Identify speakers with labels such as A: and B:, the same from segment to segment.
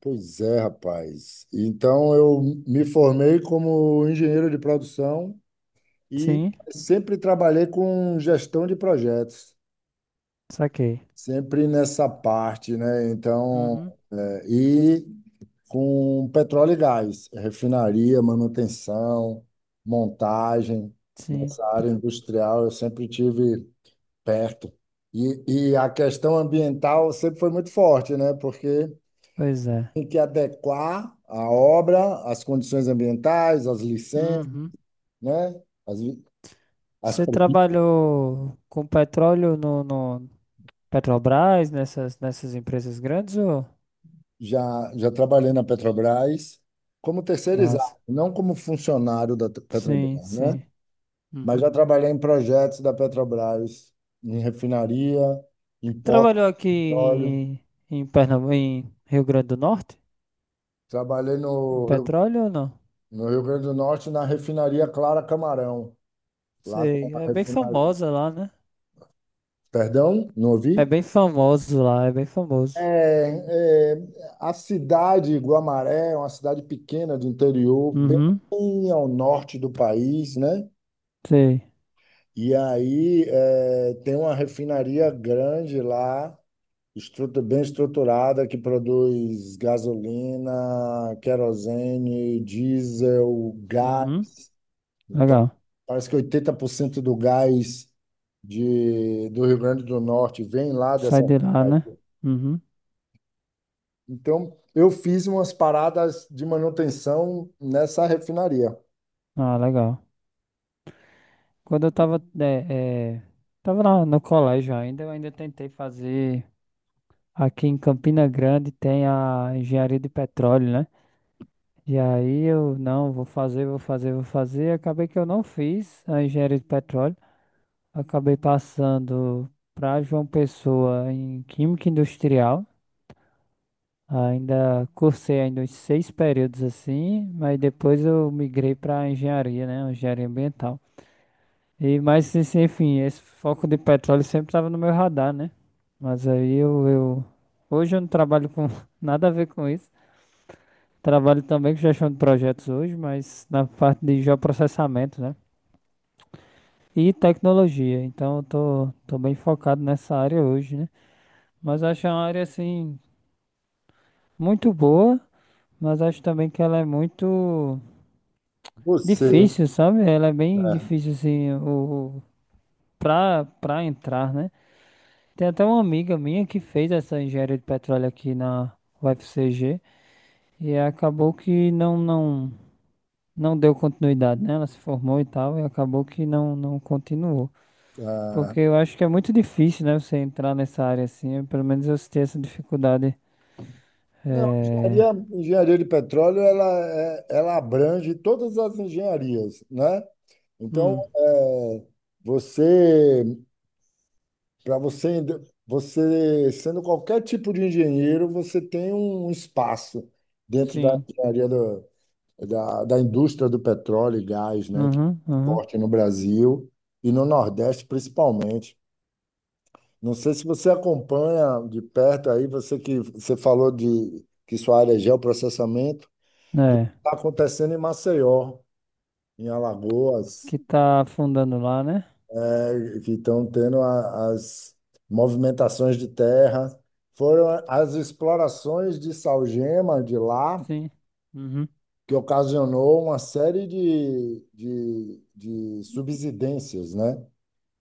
A: Pois é, rapaz. Então, eu me formei como engenheiro de produção e
B: Sim,
A: sempre trabalhei com gestão de projetos,
B: saquei.
A: sempre nessa parte, né? Então,
B: Uhum.
A: e com petróleo e gás, refinaria, manutenção, montagem,
B: Sim,
A: nessa
B: p-
A: área industrial, eu sempre tive perto. E a questão ambiental sempre foi muito forte, né? Porque
B: pois é.
A: tem que adequar a obra às condições ambientais, às licenças,
B: Uhum.
A: né? As, li- as
B: Você
A: pre-
B: trabalhou com petróleo no Petrobras, nessas empresas grandes ou?
A: Já trabalhei na Petrobras como terceirizado,
B: Nossa.
A: não como funcionário da
B: Sim,
A: Petrobras, né?
B: sim.
A: Mas
B: Uhum.
A: já trabalhei em projetos da Petrobras, em refinaria, em poço
B: Trabalhou aqui
A: de petróleo.
B: em Pernambuco, em Rio Grande do Norte?
A: Trabalhei
B: Em
A: no Rio,
B: petróleo ou não?
A: no Rio Grande do Norte, na refinaria Clara Camarão. Lá tem
B: Sei,
A: uma
B: é bem
A: refinaria.
B: famosa lá, né?
A: Perdão, não
B: É
A: ouvi?
B: bem famoso lá, é bem famoso.
A: É, é, a cidade Guamaré é uma cidade pequena do interior, bem
B: Uhum,
A: ao norte do país, né?
B: sei.
A: E aí é, tem uma refinaria grande lá, bem estruturada, que produz gasolina, querosene, diesel, gás.
B: Uhum.
A: Então,
B: Legal.
A: parece que 80% do gás do Rio Grande do Norte vem lá dessa.
B: Sai de lá, né? Uhum.
A: Então, eu fiz umas paradas de manutenção nessa refinaria.
B: Ah, legal. Quando eu tava, tava no colégio ainda, eu ainda tentei fazer. Aqui em Campina Grande tem a engenharia de petróleo, né? E aí eu não, vou fazer. Acabei que eu não fiz a engenharia de petróleo. Acabei passando para João Pessoa em Química Industrial. Ainda cursei ainda uns seis períodos assim, mas depois eu migrei para engenharia, né? Engenharia ambiental. E, mas, assim, enfim, esse foco de petróleo sempre estava no meu radar, né? Mas aí eu... Hoje eu não trabalho com nada a ver com isso. Trabalho também com gestão de projetos hoje, mas na parte de geoprocessamento, né? E tecnologia. Então tô bem focado nessa área hoje, né? Mas acho uma área, assim, muito boa, mas acho também que ela é muito
A: Você,
B: difícil, sabe? Ela é bem
A: né?
B: difícil, assim, pra entrar, né? Tem até uma amiga minha que fez essa engenharia de petróleo aqui na UFCG e acabou que não, não, não deu continuidade, né? Ela se formou e tal e acabou que não, não continuou. Porque eu acho que é muito difícil, né? Você entrar nessa área assim. Pelo menos eu senti essa dificuldade.
A: Não,
B: É...
A: engenharia de petróleo, ela, ela abrange todas as engenharias, né? Então,
B: Hum,
A: é, você, para você, você sendo qualquer tipo de engenheiro, você tem um espaço dentro da
B: sim.
A: da, da indústria do petróleo e gás, né? Que
B: Uhum,
A: é
B: uhum.
A: forte no Brasil e no Nordeste, principalmente. Não sei se você acompanha de perto aí, você que você falou de que sua área é geoprocessamento, do que
B: É.
A: está acontecendo em Maceió, em Alagoas,
B: Que tá afundando lá, né?
A: né, que estão tendo as movimentações de terra. Foram as explorações de salgema de lá
B: Sim. Uhum,
A: que ocasionou uma série de subsidências, né?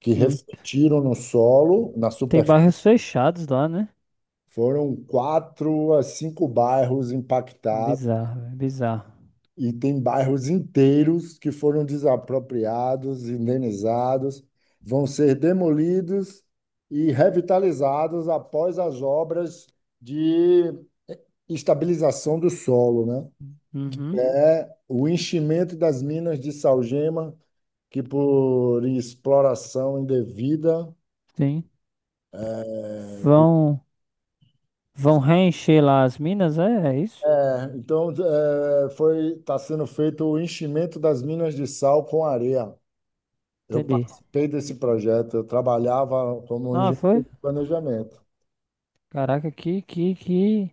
A: Que
B: sim.
A: refletiram no solo, na.
B: Tem bairros fechados lá, né?
A: Foram quatro a cinco bairros impactados
B: Bizarro, velho, bizarro.
A: e tem bairros inteiros que foram desapropriados, indenizados, vão ser demolidos e revitalizados após as obras de estabilização do solo, né?
B: Uhum,
A: É o enchimento das minas de Saugema, que por exploração indevida.
B: sim. Vão, vão reencher lá as minas, é isso?
A: É, então, eh, foi está sendo feito o enchimento das minas de sal com areia. Eu
B: Entendi.
A: participei desse projeto, eu trabalhava como
B: Ah,
A: engenheiro
B: foi?
A: de planejamento.
B: Caraca,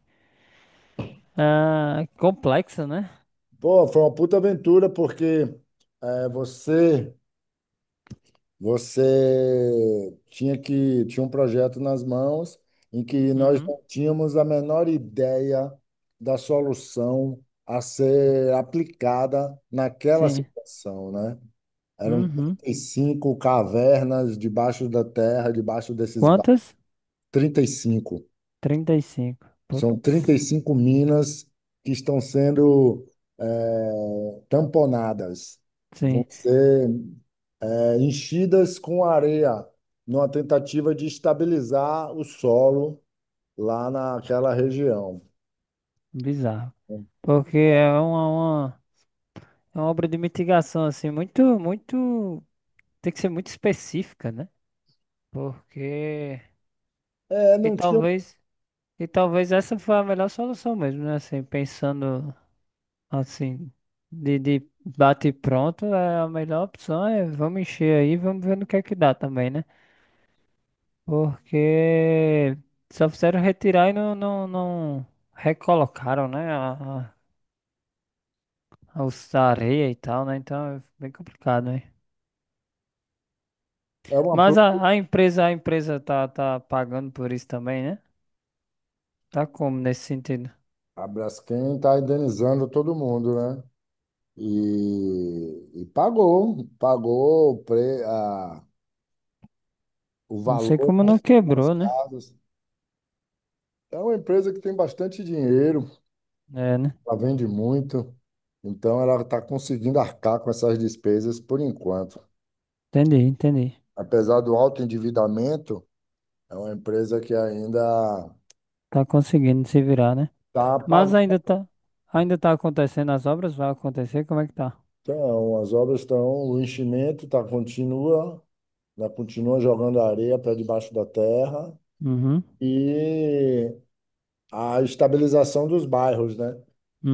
B: ah, complexa, né?
A: Pô, foi uma puta aventura porque é, você tinha um projeto nas mãos em que nós
B: Uhum.
A: não tínhamos a menor ideia da solução a ser aplicada naquela
B: Sim.
A: situação, né? Eram
B: Uhum.
A: 35 cavernas debaixo da terra, debaixo desses
B: Quantas?
A: 35.
B: 35.
A: São trinta e
B: Putz.
A: cinco minas que estão sendo tamponadas, vão
B: Sim.
A: ser enchidas com areia, numa tentativa de estabilizar o solo lá naquela região.
B: Bizarro. Porque é uma, é uma obra de mitigação, assim, muito, muito. Tem que ser muito específica, né? Porque.
A: É,
B: E
A: não tinha.
B: talvez. E talvez essa foi a melhor solução mesmo, né? Assim, pensando assim, de bate e pronto, é a melhor opção é vamos encher aí, vamos ver no que é que dá também, né? Porque só fizeram retirar e não recolocaram, né? A a areia e tal, né? Então é bem complicado, né?
A: É uma,
B: Mas a empresa, tá pagando por isso também, né? Tá como nesse sentido?
A: a Braskem está indenizando todo mundo, né? E pagou, pagou o
B: Não sei
A: valor
B: como não
A: dos
B: quebrou, né?
A: casos. É uma empresa que tem bastante dinheiro,
B: É, né?
A: ela vende muito, então ela está conseguindo arcar com essas despesas por enquanto.
B: Entendi, entendi.
A: Apesar do alto endividamento, é uma empresa que ainda
B: Tá conseguindo se virar, né?
A: está
B: Mas
A: pagando.
B: ainda tá acontecendo as obras, vai acontecer, como é que tá?
A: Então, as obras estão, o enchimento tá, continua, né, continua jogando areia para debaixo da terra
B: Uhum,
A: e a estabilização dos bairros, né?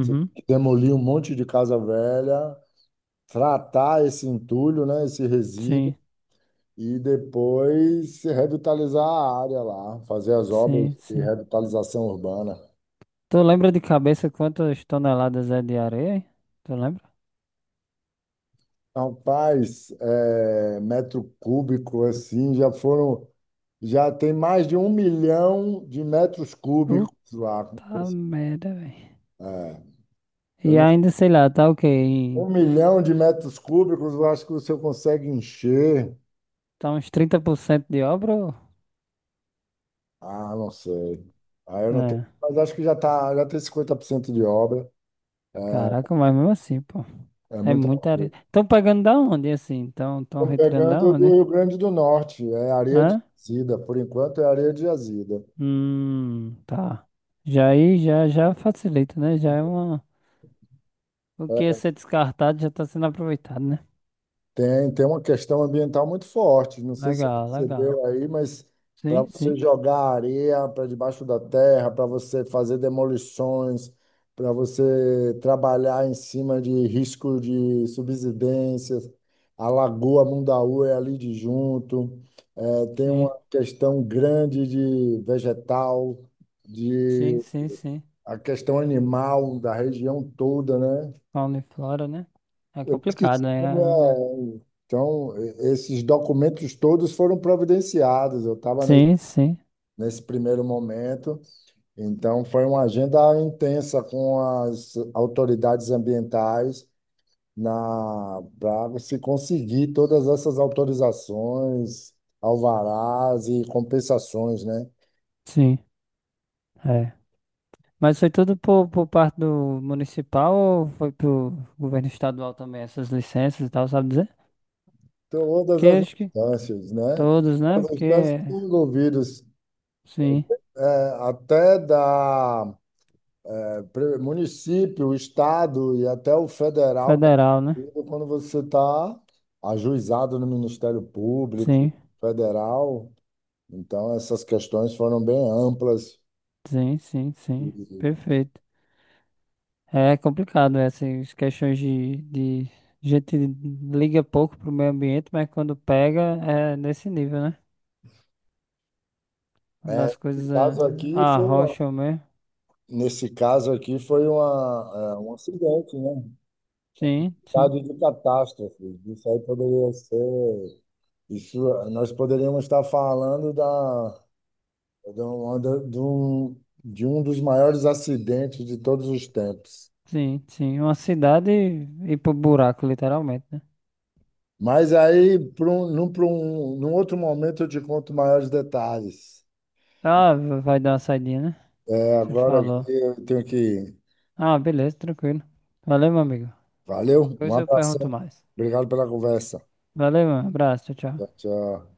A: Você tem que demolir um monte de casa velha, tratar esse entulho, né, esse resíduo
B: Sim,
A: e depois revitalizar a área lá, fazer as obras
B: sim,
A: de
B: sim.
A: revitalização urbana.
B: Tu lembra de cabeça quantas toneladas é de areia? Hein? Tu lembra?
A: Rapaz, é, metro cúbico assim, já foram, já tem mais de um milhão de metros cúbicos lá.
B: Puta merda, velho.
A: É, eu
B: E
A: não-
B: ainda, sei lá, tá o quê? Em-
A: um milhão de metros cúbicos, eu acho que você consegue encher.
B: Tá uns 30% de obra? Ou-
A: Ah, não sei. Ah, eu não tô,
B: É.
A: mas acho que já tá, já tem 50% de obra.
B: Caraca, mas mesmo assim, pô.
A: É
B: É
A: muita
B: muita
A: coisa.
B: areia. Estão pegando da onde, assim? Então, estão
A: Estamos
B: retirando da
A: pegando do
B: onde?
A: Rio Grande do Norte, é areia de
B: Hã?
A: jazida, por enquanto é areia de jazida.
B: Tá. Já aí, já facilita, né? Já é uma... O que ia ser descartado já está sendo aproveitado, né?
A: Tem, tem uma questão ambiental muito forte, não sei se você
B: Legal, legal.
A: percebeu aí, mas para
B: Sim,
A: você
B: sim.
A: jogar areia para debaixo da terra, para você fazer demolições, para você trabalhar em cima de risco de subsidências, a Lagoa Mundaú é ali de junto, é, tem
B: Sim,
A: uma questão grande de vegetal,
B: sim, sim, sim.
A: a questão animal da região toda, né?
B: Fauna e flora, né? É
A: Eu
B: complicado,
A: esqueci
B: né?
A: como é. Então, esses documentos todos foram providenciados. Eu estava
B: Sim, sim,
A: nesse primeiro momento, então foi uma agenda intensa com as autoridades ambientais na para se conseguir todas essas autorizações, alvarás e compensações, né?
B: sim. É. Mas foi tudo por parte do municipal ou foi pro governo estadual também, essas licenças e tal, sabe dizer?
A: Todas
B: Que
A: as
B: acho que
A: instâncias, né?
B: todos, né?
A: Todas as
B: Porque,
A: instâncias envolvidas,
B: sim,
A: é, até da município, estado e até o federal tá
B: federal, né?
A: incluído quando você está ajuizado no Ministério Público
B: Sim,
A: Federal. Então, essas questões foram bem amplas.
B: sim, sim, sim.
A: E,
B: Perfeito. É complicado essas questões de... A gente liga pouco pro meio ambiente, mas quando pega é nesse nível, né? Quando as
A: é,
B: coisas é, arrocham mesmo.
A: nesse caso aqui foi uma, é, um acidente, né?
B: Sim, sim,
A: Estado de catástrofe. Isso aí poderia ser. Isso, nós poderíamos estar falando da, de um, de um de um dos maiores acidentes de todos os tempos.
B: sim, sim. Uma cidade ir pro buraco, literalmente, né?
A: Mas aí, pra um, num outro momento, eu te conto maiores detalhes.
B: Ah, vai dar uma saidinha, né?
A: É,
B: Você
A: agora aqui
B: falou.
A: eu tenho que ir.
B: Ah, beleza, tranquilo. Valeu, meu amigo.
A: Valeu, um
B: Depois eu pergunto
A: abração.
B: mais.
A: Obrigado pela conversa.
B: Valeu, mano. Abraço. Tchau,
A: Tchau,
B: tchau.
A: tchau.